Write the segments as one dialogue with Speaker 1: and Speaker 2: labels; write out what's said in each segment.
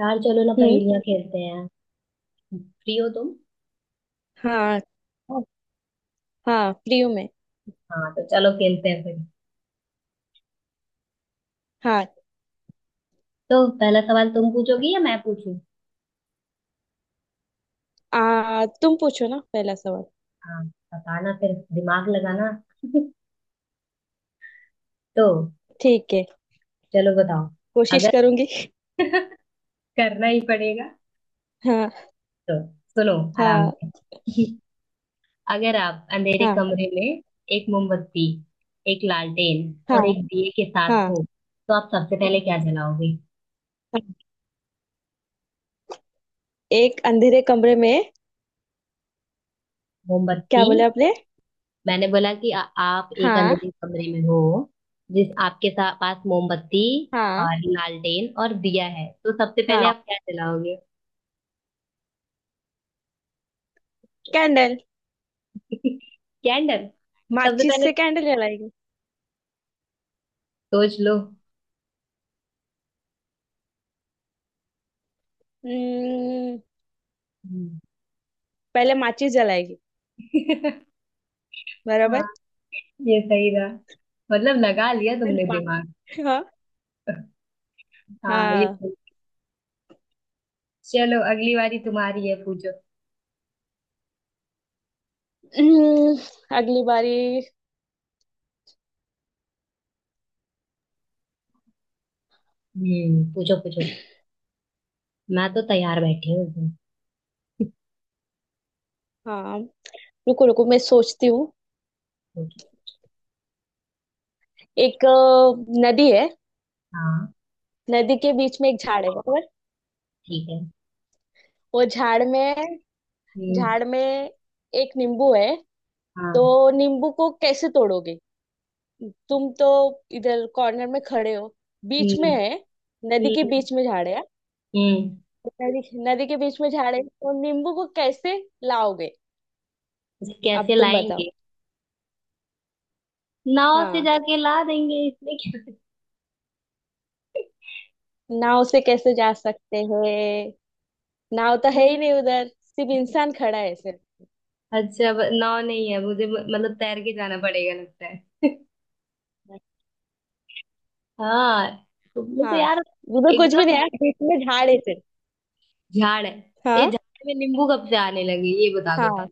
Speaker 1: यार चलो ना
Speaker 2: हम्म।
Speaker 1: पहेलियां खेलते हैं। फ्री हो तुम?
Speaker 2: हाँ, हाँ। हाँ, फ्री हूँ मैं।
Speaker 1: हाँ तो चलो खेलते हैं फिर।
Speaker 2: हाँ।
Speaker 1: तो पहला सवाल तुम पूछोगी या मैं पूछूं?
Speaker 2: तुम पूछो ना पहला सवाल।
Speaker 1: हाँ, बताना फिर दिमाग लगाना। तो
Speaker 2: ठीक है।
Speaker 1: चलो बताओ।
Speaker 2: कोशिश
Speaker 1: अगर
Speaker 2: करूंगी।
Speaker 1: करना ही पड़ेगा।
Speaker 2: हाँ,
Speaker 1: तो सुनो, आराम
Speaker 2: हाँ,
Speaker 1: से। अगर आप अंधेरे
Speaker 2: हाँ,
Speaker 1: कमरे में एक मोमबत्ती, एक लालटेन
Speaker 2: हाँ,
Speaker 1: और एक दिए के साथ
Speaker 2: हाँ,
Speaker 1: हो, तो आप सबसे पहले क्या जलाओगे?
Speaker 2: हाँ। एक अंधेरे कमरे में। क्या
Speaker 1: मोमबत्ती?
Speaker 2: बोले आपने?
Speaker 1: मैंने बोला कि आप एक
Speaker 2: हाँ,
Speaker 1: अंधेरे कमरे में हो, पास मोमबत्ती
Speaker 2: हाँ,
Speaker 1: और लालटेन और दिया है, तो सबसे पहले
Speaker 2: हाँ।
Speaker 1: आप क्या जलाओगे?
Speaker 2: कैंडल।
Speaker 1: कैंडल? सबसे
Speaker 2: माचिस
Speaker 1: पहले
Speaker 2: से कैंडल जलाएगी।
Speaker 1: सोच लो।
Speaker 2: हम्म,
Speaker 1: हम्म।
Speaker 2: पहले माचिस जलाएगी।
Speaker 1: हाँ,
Speaker 2: बराबर।
Speaker 1: ये सही था। मतलब लगा लिया
Speaker 2: फिर
Speaker 1: तुमने दिमाग।
Speaker 2: हाँ,
Speaker 1: हाँ ये
Speaker 2: हाँ।
Speaker 1: सही। चलो, अगली बारी तुम्हारी है, पूछो।
Speaker 2: हम्म, अगली बारी।
Speaker 1: पूछो पूछो। मैं तो तैयार बैठी हूँ एकदम।
Speaker 2: हाँ। रुको रुको, मैं सोचती हूँ।
Speaker 1: पूछो।
Speaker 2: एक नदी है।
Speaker 1: हाँ।
Speaker 2: नदी के बीच में एक झाड़ है, बराबर।
Speaker 1: ठीक है।
Speaker 2: वो झाड़ में।
Speaker 1: हम्म।
Speaker 2: झाड़ में एक नींबू है। तो
Speaker 1: हाँ।
Speaker 2: नींबू को कैसे तोड़ोगे? तुम तो इधर कॉर्नर में खड़े हो। बीच
Speaker 1: हम्म।
Speaker 2: में है। नदी के
Speaker 1: हम्म।
Speaker 2: बीच में झाड़ है।
Speaker 1: हम्म,
Speaker 2: नदी नदी के बीच में झाड़ है, तो नींबू को कैसे लाओगे?
Speaker 1: इसे
Speaker 2: अब
Speaker 1: कैसे
Speaker 2: तुम बताओ।
Speaker 1: लाएंगे? नाव से
Speaker 2: हाँ।
Speaker 1: जाके ला देंगे, इसमें क्या
Speaker 2: नाव से कैसे जा सकते हैं? नाव तो है ही नहीं
Speaker 1: है?
Speaker 2: उधर। सिर्फ इंसान खड़ा है सिर्फ।
Speaker 1: अच्छा, नाव नहीं है मुझे, मतलब तैर के जाना पड़ेगा लगता है। हाँ, तुमने तो
Speaker 2: हाँ।
Speaker 1: यार
Speaker 2: उधर कुछ भी
Speaker 1: एकदम
Speaker 2: नहीं है, बीच में झाड़ है सिर्फ।
Speaker 1: झाड़ है। ये
Speaker 2: हाँ,
Speaker 1: झाड़ में नींबू कब से आने लगे, ये बता दो
Speaker 2: हाँ।
Speaker 1: पहले।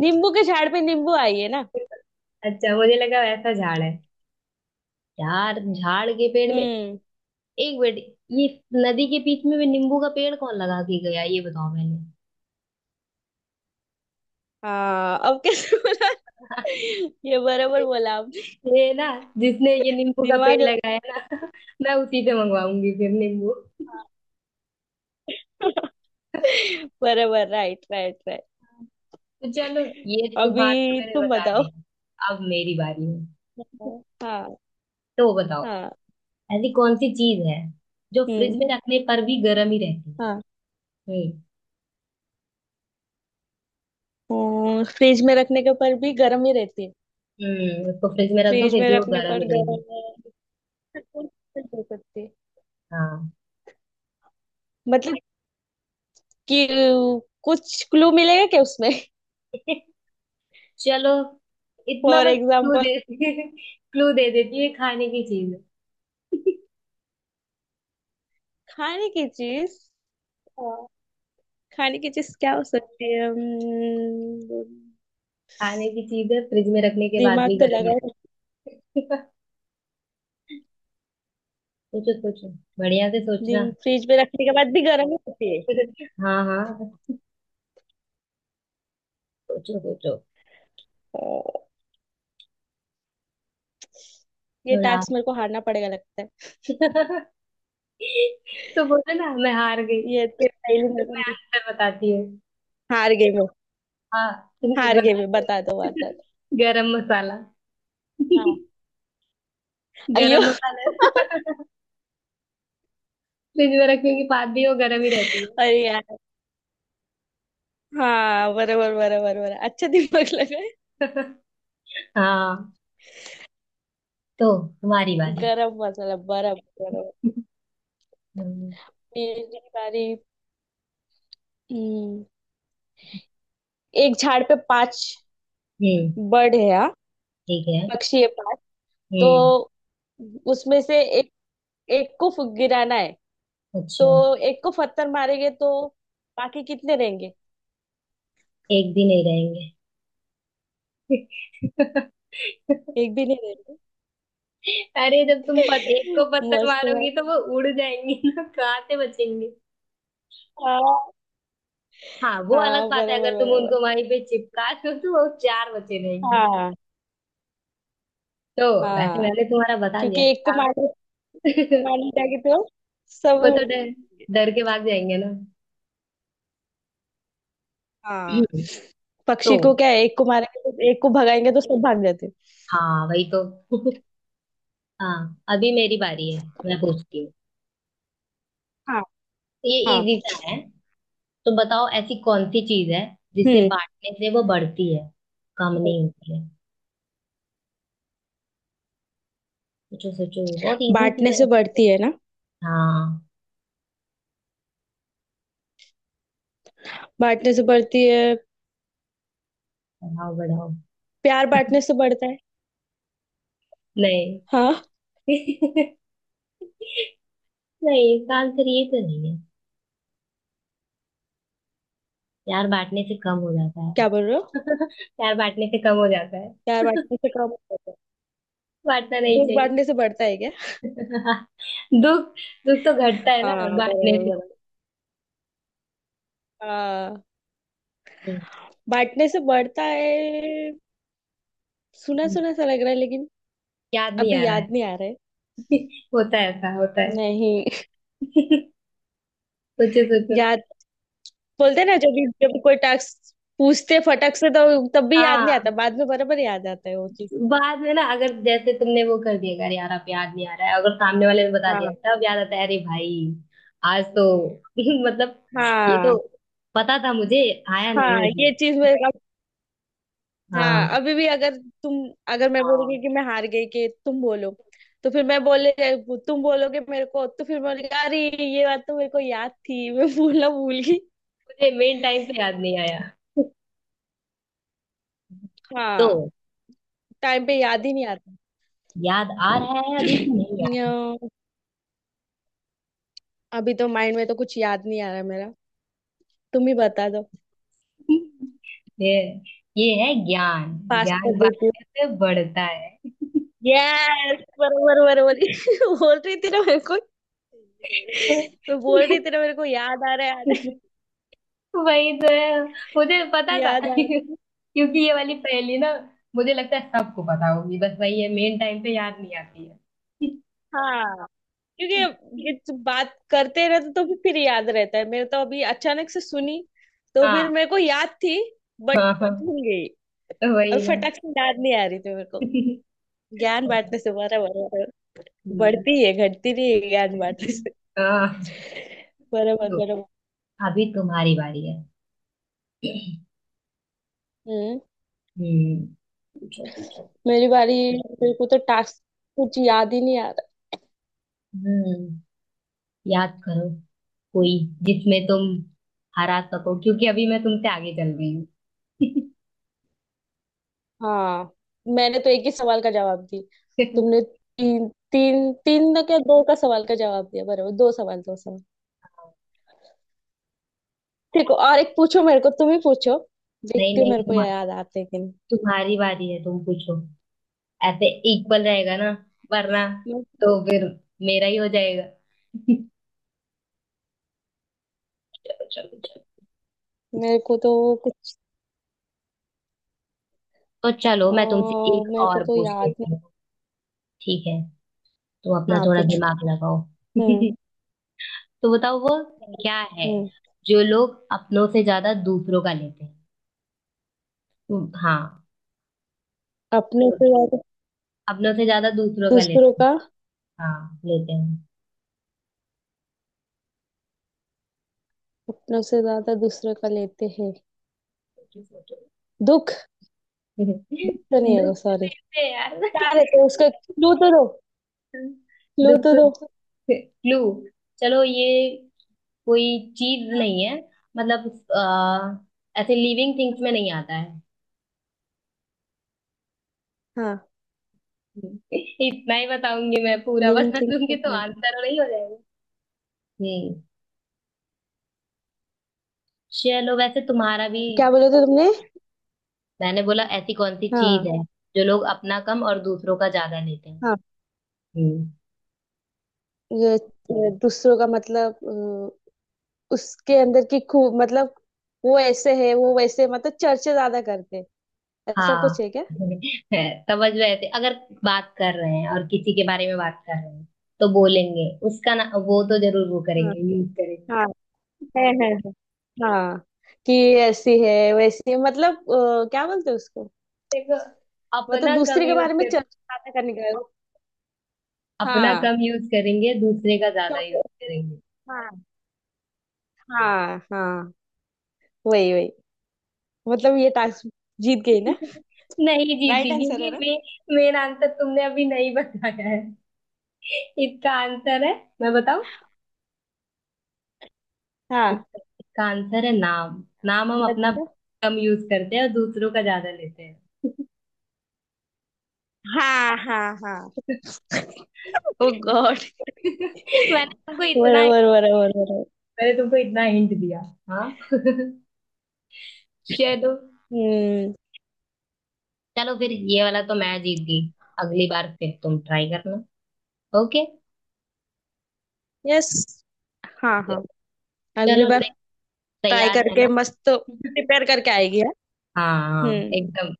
Speaker 2: नींबू के झाड़ पे नींबू आई है ना?
Speaker 1: अच्छा, मुझे लगा वैसा झाड़ है। यार, झाड़ के पेड़ में
Speaker 2: हम्म।
Speaker 1: एक बेटी, ये नदी के बीच में भी नींबू का पेड़ कौन लगा के गया, ये बताओ पहले।
Speaker 2: हाँ, अब कैसे बोला? ये बराबर बोला आपने।
Speaker 1: ये ना, जिसने ये नींबू का पेड़
Speaker 2: दिमाग लगा।
Speaker 1: लगाया ना, मैं उसी से मंगवाऊंगी फिर नींबू।
Speaker 2: बराबर, राइट, राइट, राइट।
Speaker 1: तो चलो, ये तुम्हारा
Speaker 2: अभी
Speaker 1: मैंने
Speaker 2: तुम
Speaker 1: बता
Speaker 2: बताओ।
Speaker 1: दिया। अब मेरी बारी है।
Speaker 2: हाँ,
Speaker 1: तो बताओ,
Speaker 2: हाँ।
Speaker 1: ऐसी कौन सी चीज है जो फ्रिज
Speaker 2: हम्म।
Speaker 1: में रखने पर भी गर्म ही रहती है।
Speaker 2: हाँ।
Speaker 1: हम्म।
Speaker 2: फ्रिज में रखने के पर भी गर्म ही रहती है।
Speaker 1: उसको फ्रिज में रख दो
Speaker 2: फ्रिज
Speaker 1: फिर
Speaker 2: में
Speaker 1: भी वो
Speaker 2: रखने
Speaker 1: गर्म
Speaker 2: पर
Speaker 1: ही रहेगी।
Speaker 2: गर्म हो सकती है।
Speaker 1: हाँ।
Speaker 2: मतलब कि कुछ क्लू मिलेगा क्या उसमें?
Speaker 1: चलो, इतना
Speaker 2: फॉर
Speaker 1: मैं क्लू
Speaker 2: एग्जाम्पल।
Speaker 1: दे क्लू दे देती हूँ, ये खाने की चीज है।
Speaker 2: खाने की चीज।
Speaker 1: हाँ।
Speaker 2: खाने की चीज क्या हो सकती है? हम्म।
Speaker 1: खाने की चीज है, फ्रिज में रखने के बाद
Speaker 2: दिमाग
Speaker 1: भी
Speaker 2: तो
Speaker 1: गर्म ही
Speaker 2: लगा है।
Speaker 1: रहती है। सोचो सोचो, बढ़िया से सोचना।
Speaker 2: दिन फ्रिज में रखने के बाद भी गर्म ही होती है।
Speaker 1: हाँ हाँ, सोचो सोचो
Speaker 2: ओ, ये
Speaker 1: थोड़ा।
Speaker 2: टास्क मेरे को हारना पड़ेगा लगता है।
Speaker 1: तो बोला ना, मैं हार गई।
Speaker 2: ये तो
Speaker 1: फिर
Speaker 2: पहले मेरे
Speaker 1: फिर
Speaker 2: को
Speaker 1: मैं
Speaker 2: नहीं।
Speaker 1: आंसर बताती हूँ।
Speaker 2: हार गई मैं।
Speaker 1: हाँ,
Speaker 2: हार गई
Speaker 1: बता
Speaker 2: मैं,
Speaker 1: दो।
Speaker 2: बता दो, बता दो।
Speaker 1: गरम मसाला।
Speaker 2: हाँ। अयो।
Speaker 1: गरम मसाला। फ्रिज में रखने की बात भी वो गरम ही रहती है।
Speaker 2: अरे यार। हाँ, बराबर, बराबर, बराबर। अच्छा दिमाग लगा है।
Speaker 1: हाँ, तो तुम्हारी बारी।
Speaker 2: गरम मसाला, बराबर, बराबर।
Speaker 1: हम्म।
Speaker 2: मेरी बारी। हम्म, एक झाड़ पे पांच
Speaker 1: हम्म,
Speaker 2: बर्ड है, हाँ।
Speaker 1: ठीक है।
Speaker 2: पक्षी है पांच। तो
Speaker 1: हम्म।
Speaker 2: उसमें से एक एक को गिराना है।
Speaker 1: अच्छा।
Speaker 2: तो एक को पत्थर मारेंगे तो बाकी कितने रहेंगे?
Speaker 1: एक भी नहीं रहेंगे।
Speaker 2: एक भी नहीं रहेंगे।
Speaker 1: अरे, जब तुम एक को पत्थर
Speaker 2: मस्त
Speaker 1: मारोगी
Speaker 2: मस्त।
Speaker 1: तो वो उड़ जाएंगी ना, कहाँ से बचेंगे?
Speaker 2: हाँ,
Speaker 1: हाँ, वो अलग
Speaker 2: हाँ,
Speaker 1: बात है,
Speaker 2: बराबर,
Speaker 1: अगर तुम
Speaker 2: बराबर,
Speaker 1: उनको वहीं पे चिपका दो तो वो चार बचे रहेंगे फिर।
Speaker 2: हाँ,
Speaker 1: तो वैसे
Speaker 2: हाँ।
Speaker 1: मैंने तुम्हारा बता
Speaker 2: क्योंकि
Speaker 1: दिया।
Speaker 2: एक को
Speaker 1: आप
Speaker 2: मारे। एक को मारने जाएंगे तो सब
Speaker 1: वो तो डर,
Speaker 2: उड़ेंगे।
Speaker 1: डर के भाग जाएंगे ना।
Speaker 2: हाँ,
Speaker 1: तो
Speaker 2: पक्षी को क्या है, एक को मारेंगे तो एक को भगाएंगे तो सब भाग जाते हैं।
Speaker 1: हाँ, वही तो। हाँ, अभी मेरी बारी है, मैं पूछती हूँ।
Speaker 2: हाँ,
Speaker 1: ये
Speaker 2: हाँ।
Speaker 1: इजी सा है। तो बताओ, ऐसी कौन सी चीज है जिसे
Speaker 2: हम्म।
Speaker 1: बांटने से वो बढ़ती है, कम नहीं होती है। सोचो सोचो, बहुत इजी
Speaker 2: बांटने
Speaker 1: चीज है।
Speaker 2: से बढ़ती है ना?
Speaker 1: हाँ,
Speaker 2: बांटने से बढ़ती है।
Speaker 1: बढ़ाओ बढ़ाओ।
Speaker 2: प्यार बांटने से बढ़ता है।
Speaker 1: नहीं।
Speaker 2: हाँ।
Speaker 1: नहीं, इसका आंसर ये तो नहीं। प्यार बांटने से कम हो जाता है।
Speaker 2: क्या बोल रहे हो?
Speaker 1: प्यार बांटने से कम हो जाता है।
Speaker 2: प्यार बांटने से कम होता है।
Speaker 1: बांटना नहीं
Speaker 2: दुख
Speaker 1: चाहिए।
Speaker 2: बांटने से बढ़ता है क्या?
Speaker 1: दुख? दुख तो घटता है
Speaker 2: हाँ,
Speaker 1: ना
Speaker 2: बराबर,
Speaker 1: बांटने से।
Speaker 2: बराबर। हाँ।
Speaker 1: हम्म,
Speaker 2: बांटने से बढ़ता है। सुना
Speaker 1: हम्म,
Speaker 2: सुना सा लग रहा है, लेकिन
Speaker 1: याद नहीं
Speaker 2: अभी
Speaker 1: आ रहा है।
Speaker 2: याद नहीं आ रहा है।
Speaker 1: होता है, ऐसा होता है।
Speaker 2: नहीं।
Speaker 1: सोचो सोचो।
Speaker 2: याद। बोलते हैं ना, जब भी कोई टास्क पूछते फटक से तो तब भी याद नहीं आता,
Speaker 1: हाँ,
Speaker 2: बाद में बराबर याद आता है वो चीज।
Speaker 1: बाद में ना, अगर जैसे तुमने वो कर दिया, अगर यार आप याद नहीं आ रहा है, अगर सामने वाले ने बता
Speaker 2: हाँ,
Speaker 1: दिया तब याद आता है, अरे भाई आज तो मतलब ये
Speaker 2: हाँ,
Speaker 1: तो पता था मुझे, आया नहीं
Speaker 2: हाँ,
Speaker 1: मुझे।
Speaker 2: ये चीज मेरे अब। हाँ,
Speaker 1: हाँ,
Speaker 2: अभी भी तुम अगर मैं बोलूंगी कि मैं हार गई कि तुम बोलो, तो फिर मैं बोले, तुम बोलोगे मेरे को तो फिर मैं बोलेगी, अरे, ये बात तो मेरे को याद थी, मैं भूलना भूल गई।
Speaker 1: मुझे मेन टाइम पे याद नहीं आया।
Speaker 2: हाँ।
Speaker 1: तो
Speaker 2: टाइम पे याद ही नहीं आता।
Speaker 1: याद आ रहा है अभी कि नहीं याद?
Speaker 2: न्यो, अभी तो माइंड में तो कुछ याद नहीं आ रहा मेरा। तुम ही बता दो।
Speaker 1: ये ये है ज्ञान।
Speaker 2: पास
Speaker 1: ज्ञान
Speaker 2: कर देती हूँ।
Speaker 1: बांटने से बढ़ता है।
Speaker 2: यस, बरोबर, बरोबर। बोल रही थी ना मेरे को। मैं बोल रही थी ना मेरे को, याद आ रहा है,
Speaker 1: वही तो है, मुझे पता था।
Speaker 2: याद आ रहा है।
Speaker 1: क्योंकि ये वाली पहेली ना, मुझे लगता है सबको पता होगी, बस वही है, मेन टाइम पे याद नहीं आती है।
Speaker 2: हाँ। क्योंकि ये तो बात करते रहते तो भी फिर याद रहता है, मेरे तो अभी अचानक से सुनी तो फिर
Speaker 1: हाँ
Speaker 2: मेरे को याद थी। बट
Speaker 1: हाँ हाँ,
Speaker 2: भूल गई।
Speaker 1: तो
Speaker 2: अब
Speaker 1: वही ना।
Speaker 2: फटाक से याद नहीं आ रही थी मेरे को। ज्ञान बांटने से, बराबर।
Speaker 1: हम्म,
Speaker 2: बढ़ती है, घटती नहीं है ज्ञान बांटने से।
Speaker 1: हाँ,
Speaker 2: बराबर,
Speaker 1: तो
Speaker 2: बराबर।
Speaker 1: अभी तुम्हारी बारी है।
Speaker 2: हम्म।
Speaker 1: हम्म, पूछो पूछो।
Speaker 2: मेरी बारी। मेरे को तो टास्क कुछ याद ही नहीं आ रहा।
Speaker 1: हम्म, याद करो कोई जिसमें तुम हरा सको, क्योंकि अभी मैं तुमसे आगे चल रही हूँ।
Speaker 2: हाँ। मैंने तो एक ही सवाल का जवाब दी। तुमने तीन तीन तीन ना, क्या दो का सवाल का जवाब दिया, बराबर, दो सवाल, दो सवाल। ठीक है, और एक पूछो मेरे को, तुम ही पूछो।
Speaker 1: नहीं
Speaker 2: देखती हूँ
Speaker 1: नहीं,
Speaker 2: मेरे को
Speaker 1: तुम,
Speaker 2: याद आते हैं कि नहीं।
Speaker 1: तुम्हारी बारी है, तुम पूछो। ऐसे इक्वल रहेगा ना, वरना
Speaker 2: मे-
Speaker 1: तो फिर मेरा ही हो जाएगा। चलो चलो चलो,
Speaker 2: मेरे को तो कुछ।
Speaker 1: तो चलो
Speaker 2: अ,
Speaker 1: मैं तुमसे एक
Speaker 2: मेरे को
Speaker 1: और
Speaker 2: तो
Speaker 1: पूछ
Speaker 2: याद नहीं।
Speaker 1: लेती हूँ। ठीक है, तुम अपना
Speaker 2: हाँ,
Speaker 1: थोड़ा
Speaker 2: पूछो।
Speaker 1: दिमाग लगाओ।
Speaker 2: हम्म।
Speaker 1: तो बताओ वो क्या है
Speaker 2: हम्म,
Speaker 1: जो लोग अपनों से ज्यादा दूसरों का लेते हैं। हाँ,
Speaker 2: अपने से याद।
Speaker 1: अपनों से ज्यादा दूसरों का
Speaker 2: दूसरों
Speaker 1: लेते हैं।
Speaker 2: का।
Speaker 1: हाँ, लेते
Speaker 2: अपनों से ज्यादा दूसरों का लेते हैं।
Speaker 1: हैं।
Speaker 2: दुख। दुख तो नहीं होगा,
Speaker 1: दुख?
Speaker 2: सॉरी।
Speaker 1: है यार।
Speaker 2: क्या रहते हैं, उसका क्लू तो दो। क्लू
Speaker 1: दुख
Speaker 2: तो
Speaker 1: तो
Speaker 2: दो।
Speaker 1: दुख। क्लू? चलो, ये कोई चीज नहीं है, मतलब ऐसे लिविंग थिंग्स में नहीं आता है।
Speaker 2: हाँ,
Speaker 1: इतना ही बताऊंगी, मैं पूरा
Speaker 2: लिविंग
Speaker 1: बता
Speaker 2: थिंग।
Speaker 1: दूंगी तो आंसर नहीं हो जाएगा? हम्म। चलो वैसे तुम्हारा भी,
Speaker 2: क्या बोले थे तुमने?
Speaker 1: मैंने बोला ऐसी कौन सी चीज
Speaker 2: हाँ,
Speaker 1: है जो लोग अपना कम और दूसरों का ज्यादा लेते हैं।
Speaker 2: हाँ।
Speaker 1: हम्म।
Speaker 2: ये ये दूसरों का मतलब। अ, उसके अंदर की खूब मतलब, वो ऐसे है, वो वैसे, मतलब चर्चा ज्यादा करते हैं। ऐसा कुछ
Speaker 1: हाँ।
Speaker 2: है क्या?
Speaker 1: समझ में आते अगर बात कर रहे हैं और किसी के बारे में बात कर रहे हैं तो बोलेंगे उसका ना, वो तो जरूर वो
Speaker 2: हाँ,
Speaker 1: करेंगे, यूज करेंगे।
Speaker 2: हाँ, है, हाँ। कि ऐसी है वैसी है, मतलब क्या बोलते हैं उसको।
Speaker 1: देखो,
Speaker 2: मतलब
Speaker 1: अपना कम
Speaker 2: दूसरे के
Speaker 1: यूज
Speaker 2: बारे में
Speaker 1: कर,
Speaker 2: चर्चा ज्यादा करने का।
Speaker 1: अपना
Speaker 2: हाँ,
Speaker 1: कम यूज करेंगे, दूसरे का ज्यादा यूज
Speaker 2: चॉकलेट।
Speaker 1: करेंगे।
Speaker 2: हाँ, हाँ, हाँ, वही वही। मतलब ये टास्क जीत गई ना?
Speaker 1: नहीं
Speaker 2: राइट
Speaker 1: जीती,
Speaker 2: आंसर
Speaker 1: क्योंकि
Speaker 2: है ना?
Speaker 1: मेन आंसर तुमने अभी नहीं बताया है। इसका आंसर है, मैं बताऊं?
Speaker 2: हाँ,
Speaker 1: इसका आंसर है नाम। नाम हम अपना
Speaker 2: अच्छा।
Speaker 1: कम यूज करते हैं और दूसरों का ज्यादा लेते हैं।
Speaker 2: हाँ, हाँ, हाँ। ओ गॉड।
Speaker 1: मैंने तुमको इतना
Speaker 2: बराबर, बराबर, बराबर।
Speaker 1: मैंने तुमको इतना हिंट दिया। हाँ। चलो,
Speaker 2: हम्म।
Speaker 1: चलो फिर ये वाला तो मैं जीत गई, अगली बार फिर तुम ट्राई करना। ओके।
Speaker 2: यस। हाँ, हाँ, अगली
Speaker 1: चलो,
Speaker 2: बार।
Speaker 1: नेक्स्ट
Speaker 2: ट्राई
Speaker 1: तैयार
Speaker 2: करके
Speaker 1: रहना।
Speaker 2: मस्त प्रिपेयर करके आएगी है।
Speaker 1: हाँ हाँ
Speaker 2: हम्म।
Speaker 1: एकदम।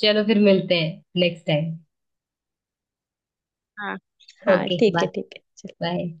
Speaker 1: चलो फिर मिलते हैं नेक्स्ट टाइम।
Speaker 2: हाँ, हाँ,
Speaker 1: ओके,
Speaker 2: ठीक
Speaker 1: बाय।
Speaker 2: है, ठीक है।
Speaker 1: बाय।